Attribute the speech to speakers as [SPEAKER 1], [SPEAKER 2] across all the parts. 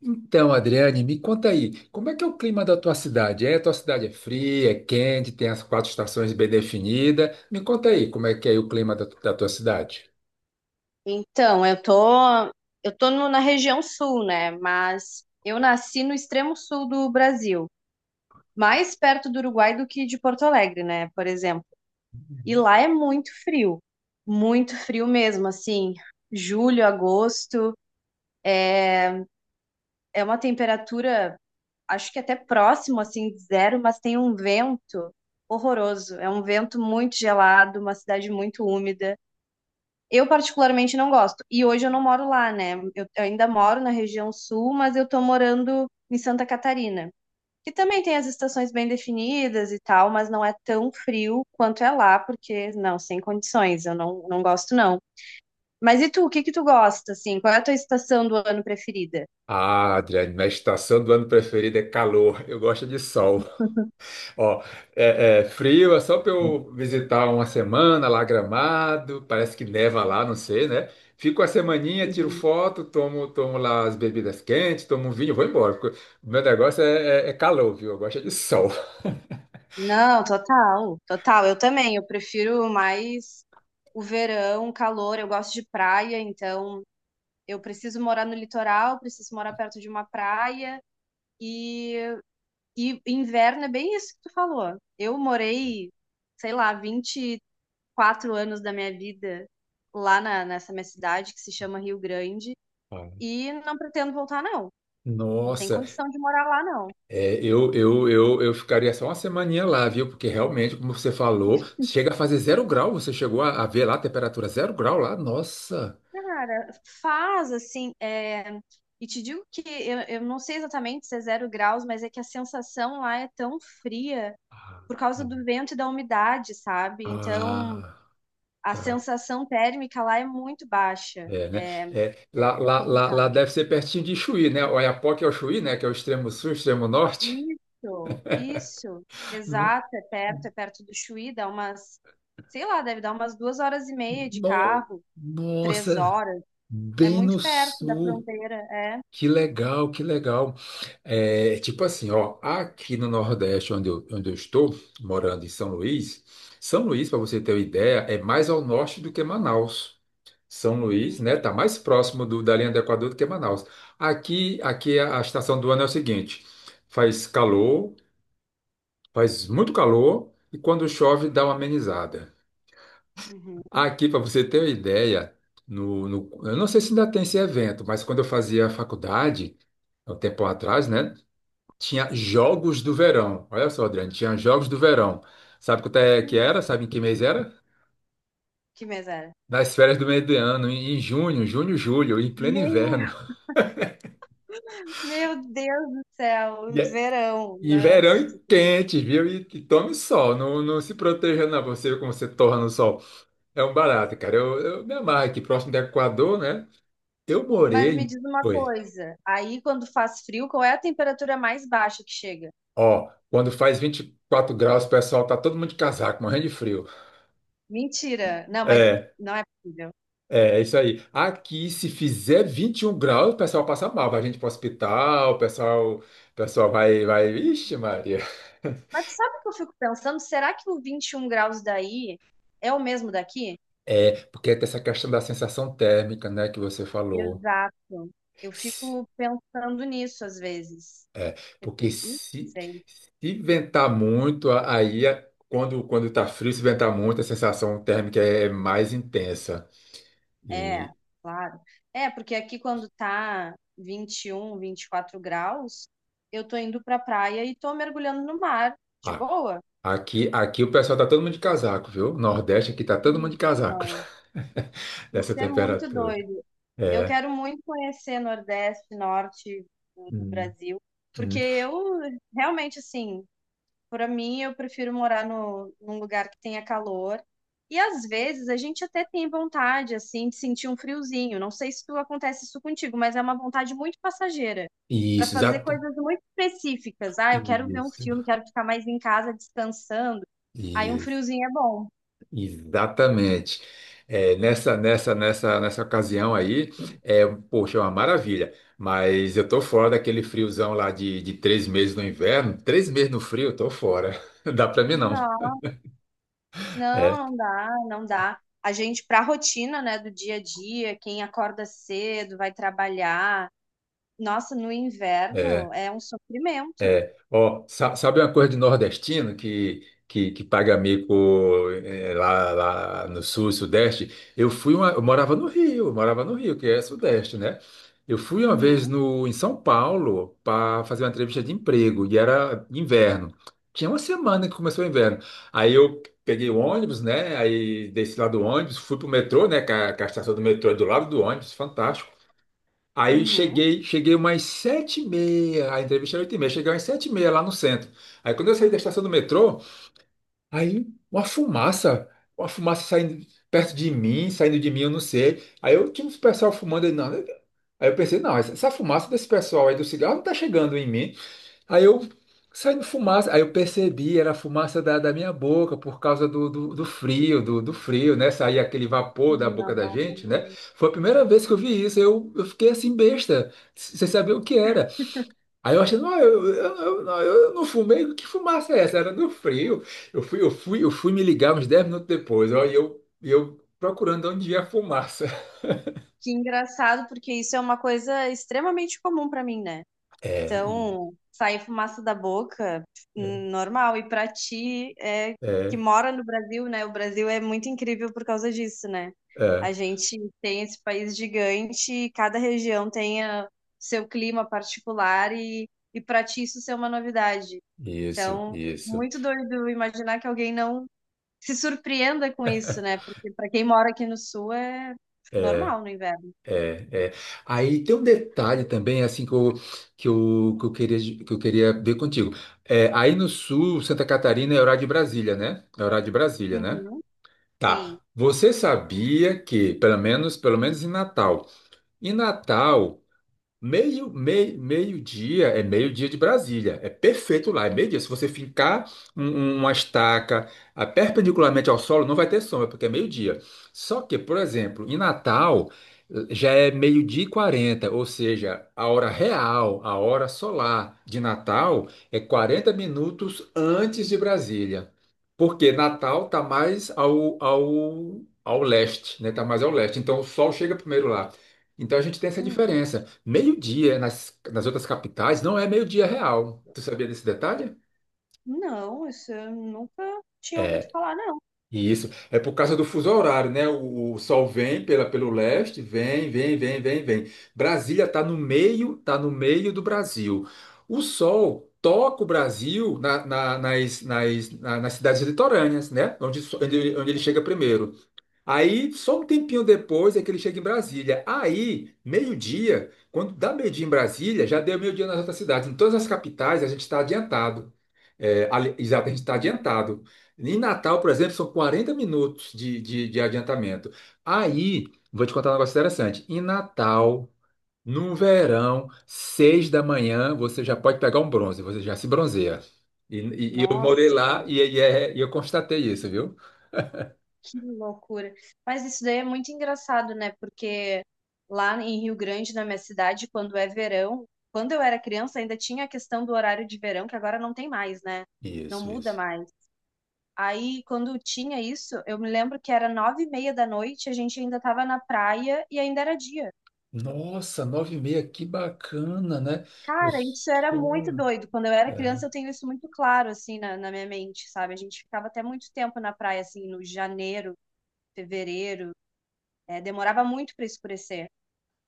[SPEAKER 1] Então, Adriane, me conta aí, como é que é o clima da tua cidade? É, a tua cidade é fria, é quente, tem as quatro estações bem definidas. Me conta aí, como é que é o clima da tua cidade?
[SPEAKER 2] Então, eu tô no- na região sul, né? Mas eu nasci no extremo sul do Brasil, mais perto do Uruguai do que de Porto Alegre, né? Por exemplo. E lá é muito frio mesmo, assim, julho, agosto, é uma temperatura, acho que até próximo, assim, de zero, mas tem um vento horroroso. É um vento muito gelado, uma cidade muito úmida. Eu particularmente não gosto. E hoje eu não moro lá, né? Eu ainda moro na região sul, mas eu tô morando em Santa Catarina, que também tem as estações bem definidas e tal, mas não é tão frio quanto é lá, porque não, sem condições, eu não, não gosto não. Mas e tu, o que que tu gosta assim? Qual é a tua estação do ano preferida?
[SPEAKER 1] Ah, Adriane, minha estação do ano preferida é calor. Eu gosto de sol. Ó, é, é frio, é só para eu visitar uma semana lá Gramado. Parece que neva lá, não sei, né? Fico a semaninha, tiro
[SPEAKER 2] Uhum.
[SPEAKER 1] foto, tomo lá as bebidas quentes, tomo um vinho, vou embora, porque o Meu negócio é, é calor, viu? Eu gosto de sol.
[SPEAKER 2] Não, total, total. Eu também, eu prefiro mais o verão, o calor, eu gosto de praia, então eu preciso morar no litoral, preciso morar perto de uma praia. E, e inverno é bem isso que tu falou. Eu morei, sei lá, 24 anos da minha vida lá na, nessa minha cidade, que se chama Rio Grande,
[SPEAKER 1] Ah,
[SPEAKER 2] e não pretendo voltar, não. Não tem
[SPEAKER 1] nossa,
[SPEAKER 2] condição de morar lá, não.
[SPEAKER 1] é, eu ficaria só uma semaninha lá, viu? Porque realmente, como você falou, chega a fazer zero grau. Você chegou a ver lá a temperatura zero grau lá? Nossa.
[SPEAKER 2] Cara, faz assim. E te digo que eu não sei exatamente se é zero graus, mas é que a sensação lá é tão fria
[SPEAKER 1] Ah,
[SPEAKER 2] por causa do
[SPEAKER 1] hum.
[SPEAKER 2] vento e da umidade, sabe? Então
[SPEAKER 1] Ah,
[SPEAKER 2] a
[SPEAKER 1] tá.
[SPEAKER 2] sensação térmica lá é muito baixa.
[SPEAKER 1] É, né?
[SPEAKER 2] É,
[SPEAKER 1] É,
[SPEAKER 2] é é
[SPEAKER 1] lá
[SPEAKER 2] complicado.
[SPEAKER 1] deve ser pertinho de Chuí, né? Oiapoque é o Chuí, né? Que é o extremo sul, extremo norte.
[SPEAKER 2] Isso, isso.
[SPEAKER 1] No,
[SPEAKER 2] Exato, é perto do Chuí, dá umas, sei lá, deve dar umas 2 horas e meia de
[SPEAKER 1] no-
[SPEAKER 2] carro, três
[SPEAKER 1] Nossa,
[SPEAKER 2] horas. É
[SPEAKER 1] bem no
[SPEAKER 2] muito perto da
[SPEAKER 1] sul.
[SPEAKER 2] fronteira, é.
[SPEAKER 1] Que legal, que legal. É, tipo assim, ó, aqui no Nordeste, onde eu estou, morando em São Luís. São Luís, para você ter uma ideia, é mais ao norte do que Manaus. São Luís,
[SPEAKER 2] Uhum,
[SPEAKER 1] né, tá mais próximo da linha do Equador do que Manaus. Aqui, a estação do ano é o seguinte: faz calor, faz muito calor, e quando chove dá uma amenizada.
[SPEAKER 2] uhum.
[SPEAKER 1] Aqui, para você ter uma ideia, eu não sei se ainda tem esse evento, mas quando eu fazia faculdade, há um tempo atrás, né? Tinha Jogos do Verão. Olha só, Adriano, tinha Jogos do Verão. Sabe quanto é que
[SPEAKER 2] Hum,
[SPEAKER 1] era? Sabe em que mês era?
[SPEAKER 2] que mês?
[SPEAKER 1] Nas férias do meio do ano, em junho, julho, em pleno inverno.
[SPEAKER 2] Meu, meu Deus do céu,
[SPEAKER 1] E, é-
[SPEAKER 2] verão,
[SPEAKER 1] e
[SPEAKER 2] nossa.
[SPEAKER 1] verão e quente, viu? E tome sol, não, não se proteja não, você como você torra no sol. É um barato, cara. Eu me amarro aqui, próximo do Equador, né? Eu morei
[SPEAKER 2] Mas me
[SPEAKER 1] em...
[SPEAKER 2] diz uma
[SPEAKER 1] Oi.
[SPEAKER 2] coisa, aí quando faz frio, qual é a temperatura mais baixa que chega?
[SPEAKER 1] Ó, quando faz 24 graus, o pessoal tá todo mundo de casaco, morrendo de frio.
[SPEAKER 2] Mentira. Não, mas
[SPEAKER 1] É,
[SPEAKER 2] não é possível.
[SPEAKER 1] É isso aí. Aqui, se fizer 21 graus, o pessoal passa mal. Vai gente para o hospital, o pessoal vai, vai. Ixi, Maria.
[SPEAKER 2] Mas sabe o que eu fico pensando? Será que o 21 graus daí é o mesmo daqui?
[SPEAKER 1] É, porque tem essa questão da sensação térmica, né, que você falou.
[SPEAKER 2] Exato. Eu
[SPEAKER 1] S-
[SPEAKER 2] fico pensando nisso às vezes.
[SPEAKER 1] É, porque
[SPEAKER 2] Não
[SPEAKER 1] se,
[SPEAKER 2] sei.
[SPEAKER 1] se ventar muito, quando tá frio, se ventar muito, a sensação térmica é mais intensa.
[SPEAKER 2] É,
[SPEAKER 1] E
[SPEAKER 2] claro. É, porque aqui quando tá vinte e um, vinte e quatro graus, eu tô indo pra praia e tô mergulhando no mar, de
[SPEAKER 1] ah,
[SPEAKER 2] boa.
[SPEAKER 1] Aqui o pessoal tá todo mundo de casaco, viu? Nordeste aqui tá todo mundo de casaco
[SPEAKER 2] Então,
[SPEAKER 1] dessa
[SPEAKER 2] isso é muito
[SPEAKER 1] temperatura.
[SPEAKER 2] doido. Eu
[SPEAKER 1] É.
[SPEAKER 2] quero muito conhecer Nordeste, Norte do
[SPEAKER 1] Hum,
[SPEAKER 2] Brasil, porque
[SPEAKER 1] hum.
[SPEAKER 2] eu realmente, assim, para mim, eu prefiro morar no, num lugar que tenha calor. E às vezes a gente até tem vontade, assim, de sentir um friozinho. Não sei se tu acontece isso contigo, mas é uma vontade muito passageira para
[SPEAKER 1] Isso,
[SPEAKER 2] fazer
[SPEAKER 1] exata,
[SPEAKER 2] coisas muito específicas. Ah, eu quero ver um
[SPEAKER 1] isso,
[SPEAKER 2] filme, quero ficar mais em casa descansando. Aí um
[SPEAKER 1] isso,
[SPEAKER 2] friozinho é bom.
[SPEAKER 1] exatamente. É, nessa ocasião aí, é, poxa, é uma maravilha. Mas eu tô fora daquele friozão lá de três meses no inverno. Três meses no frio, eu tô fora. Dá pra mim não. É,
[SPEAKER 2] Não, não dá, não dá. A gente, para a rotina, né, do dia a dia, quem acorda cedo, vai trabalhar. Nossa, no inverno
[SPEAKER 1] é.
[SPEAKER 2] é um sofrimento.
[SPEAKER 1] Ó, sabe uma coisa de nordestino que paga mico, eh, lá no sul e sudeste? Eu morava no Rio, que é sudeste, né? Eu fui uma vez
[SPEAKER 2] Uhum,
[SPEAKER 1] no, em São Paulo para fazer uma entrevista de emprego e era inverno. Tinha uma semana que começou o inverno. Aí eu peguei o ônibus, né? Aí desci lá do ônibus, fui pro metrô, né? Que a estação do metrô é do lado do ônibus, fantástico. Aí
[SPEAKER 2] uhum.
[SPEAKER 1] cheguei umas sete e meia, a entrevista era oito e meia, cheguei umas sete e meia lá no centro. Aí quando eu saí da estação do metrô, aí uma fumaça saindo perto de mim, saindo de mim, eu não sei. Aí eu tinha uns pessoal fumando, aí, não, né? Aí eu pensei, não, essa fumaça desse pessoal aí do cigarro não tá chegando em mim. Aí eu Saindo fumaça, aí eu percebi, era a fumaça da minha boca por causa do frio, do frio, né? Saía aquele vapor da boca da
[SPEAKER 2] Não.
[SPEAKER 1] gente, né? Foi a primeira vez que eu vi isso, eu fiquei assim besta, sem saber o que era. Aí eu achei, não, não, eu não fumei, que fumaça é essa? Era do frio. Eu fui me ligar uns 10 minutos depois, ó, e eu procurando onde ia a fumaça.
[SPEAKER 2] Que engraçado, porque isso é uma coisa extremamente comum para mim, né?
[SPEAKER 1] É, e-
[SPEAKER 2] Então, sair fumaça da boca,
[SPEAKER 1] é,
[SPEAKER 2] normal. E pra ti, é, que
[SPEAKER 1] é,
[SPEAKER 2] mora no Brasil, né? O Brasil é muito incrível por causa disso, né?
[SPEAKER 1] é,
[SPEAKER 2] A gente tem esse país gigante e cada região tem seu clima particular e, pra ti isso ser uma novidade.
[SPEAKER 1] isso,
[SPEAKER 2] Então,
[SPEAKER 1] isso,
[SPEAKER 2] muito doido imaginar que alguém não se surpreenda com isso, né? Porque pra quem mora aqui no Sul é
[SPEAKER 1] é,
[SPEAKER 2] normal no inverno.
[SPEAKER 1] é, é. Aí tem um detalhe também, assim, que eu queria, ver contigo. É, aí no sul, Santa Catarina é horário de Brasília, né? É horário de Brasília, né?
[SPEAKER 2] Uhum. Sim.
[SPEAKER 1] Tá. Você sabia que, pelo menos em Natal, em Natal, meio-dia é meio-dia de Brasília. É perfeito lá, é meio-dia. Se você fincar um- uma estaca, ah, perpendicularmente ao solo, não vai ter sombra, porque é meio-dia. Só que, por exemplo, em Natal, eh, já é meio-dia e 40, ou seja, a hora real, a hora solar de Natal é 40 minutos antes de Brasília. Porque Natal está mais ao leste, né? Está mais ao leste. Então o sol chega primeiro lá. Então a gente tem essa diferença. Meio-dia nas outras capitais não é meio-dia real. Tu sabia desse detalhe?
[SPEAKER 2] Não, isso eu nunca tinha ouvido falar, não.
[SPEAKER 1] Isso. É por causa do fuso horário, né? O sol vem pelo leste, vem, vem, vem, vem, vem. Brasília tá no meio do Brasil. O sol toca o Brasil nas cidades litorâneas, né? Onde ele chega primeiro. Aí, só um tempinho depois é que ele chega em Brasília. Aí, meio-dia, quando dá meio-dia em Brasília, já deu meio-dia nas outras cidades. Em todas as capitais, a gente está adiantado. É, exato, a gente está adiantado. Em Natal, por exemplo, são 40 minutos de adiantamento. Aí, vou te contar um negócio interessante. Em Natal, no verão, seis da manhã, você já pode pegar um bronze, você já se bronzeia. E eu morei
[SPEAKER 2] Nossa,
[SPEAKER 1] lá e e eu constatei isso, viu?
[SPEAKER 2] que loucura. Mas isso daí é muito engraçado, né? Porque lá em Rio Grande, na minha cidade, quando é verão, quando eu era criança, ainda tinha a questão do horário de verão, que agora não tem mais, né? Não
[SPEAKER 1] Isso,
[SPEAKER 2] muda
[SPEAKER 1] isso.
[SPEAKER 2] mais. Aí, quando tinha isso, eu me lembro que era 21h30 da noite, a gente ainda estava na praia e ainda era dia.
[SPEAKER 1] Nossa, nove e meia, que bacana, né? O
[SPEAKER 2] Cara, isso era muito
[SPEAKER 1] sol,
[SPEAKER 2] doido. Quando eu era
[SPEAKER 1] é.
[SPEAKER 2] criança, eu tenho isso muito claro, assim, na minha mente, sabe? A gente ficava até muito tempo na praia, assim, no janeiro, fevereiro. É, demorava muito para escurecer.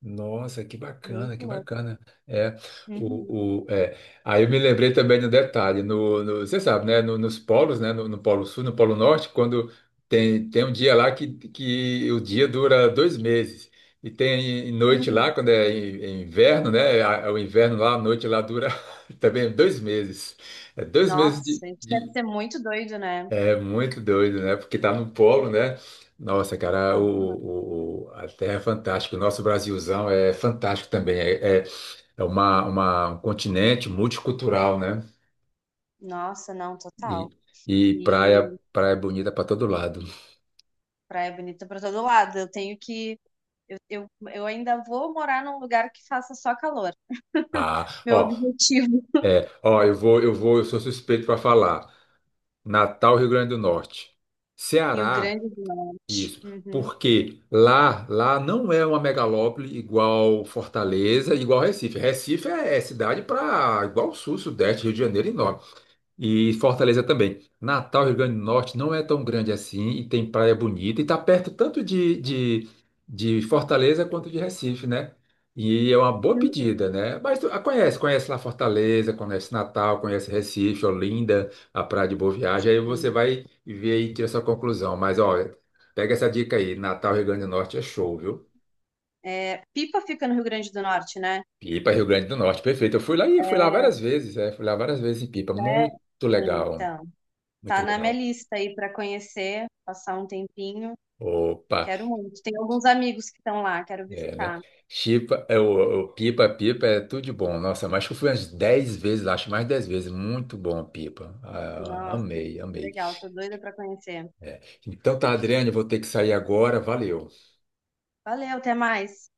[SPEAKER 1] Nossa, que bacana, que
[SPEAKER 2] Muito louco.
[SPEAKER 1] bacana. É,
[SPEAKER 2] Uhum.
[SPEAKER 1] é. Aí eu me lembrei também de um detalhe, você sabe, né? Nos polos, né? No Polo Sul, no Polo Norte, quando tem um dia lá que o dia dura dois meses. E tem noite lá,
[SPEAKER 2] Uhum.
[SPEAKER 1] quando é inverno, né? O inverno lá, a noite lá dura também dois meses. É dois meses de,
[SPEAKER 2] Nossa, isso deve
[SPEAKER 1] de-
[SPEAKER 2] ser muito doido, né?
[SPEAKER 1] É muito doido, né? Porque tá no polo, né? Nossa, cara,
[SPEAKER 2] Aham.
[SPEAKER 1] a Terra é fantástica. O nosso Brasilzão é fantástico também. É, é, é uma, um continente multicultural, né?
[SPEAKER 2] Nossa, não, total.
[SPEAKER 1] E, e
[SPEAKER 2] E
[SPEAKER 1] praia, praia bonita para todo lado.
[SPEAKER 2] praia bonita para todo lado. Eu tenho que. Eu, eu, eu ainda vou morar num lugar que faça só calor.
[SPEAKER 1] Ah,
[SPEAKER 2] Meu
[SPEAKER 1] ó,
[SPEAKER 2] objetivo.
[SPEAKER 1] é, ó, eu vou, eu sou suspeito para falar. Natal, Rio Grande do Norte.
[SPEAKER 2] E o
[SPEAKER 1] Ceará.
[SPEAKER 2] Grande do Norte.
[SPEAKER 1] Isso, porque lá não é uma megalópole igual Fortaleza, igual Recife. Recife é, é cidade para igual Sul, Sudeste, Rio de Janeiro e Norte. E Fortaleza também. Natal, Rio Grande do Norte, não é tão grande assim e tem praia bonita e está perto tanto de Fortaleza quanto de Recife, né? E é uma boa
[SPEAKER 2] Uhum.
[SPEAKER 1] pedida, né? Mas tu, ah, conhece lá Fortaleza, conhece Natal, conhece Recife, Olinda, a Praia de Boa Viagem, aí você vai ver aí tira sua conclusão. Mas olha, pega essa dica aí, Natal, Rio Grande do Norte é show, viu?
[SPEAKER 2] É, Pipa fica no Rio Grande do Norte, né?
[SPEAKER 1] Pipa, Rio Grande do Norte, perfeito. Eu fui lá e Fui lá várias vezes, é, fui lá várias vezes em Pipa,
[SPEAKER 2] É,
[SPEAKER 1] muito legal,
[SPEAKER 2] então,
[SPEAKER 1] muito
[SPEAKER 2] tá na minha
[SPEAKER 1] legal.
[SPEAKER 2] lista aí para conhecer, passar um tempinho.
[SPEAKER 1] Opa.
[SPEAKER 2] Quero muito. Tem alguns amigos que estão lá, quero
[SPEAKER 1] É, né?
[SPEAKER 2] visitar.
[SPEAKER 1] Chipa, é, pipa é tudo de bom. Nossa, mas que eu fui umas 10 vezes, lá, acho mais 10 vezes. Muito bom, pipa. Ah,
[SPEAKER 2] Nossa,
[SPEAKER 1] amei,
[SPEAKER 2] que
[SPEAKER 1] amei.
[SPEAKER 2] legal, tô doida para conhecer.
[SPEAKER 1] É. Então tá, Adriane, eu vou ter que sair agora. Valeu.
[SPEAKER 2] Valeu, até mais.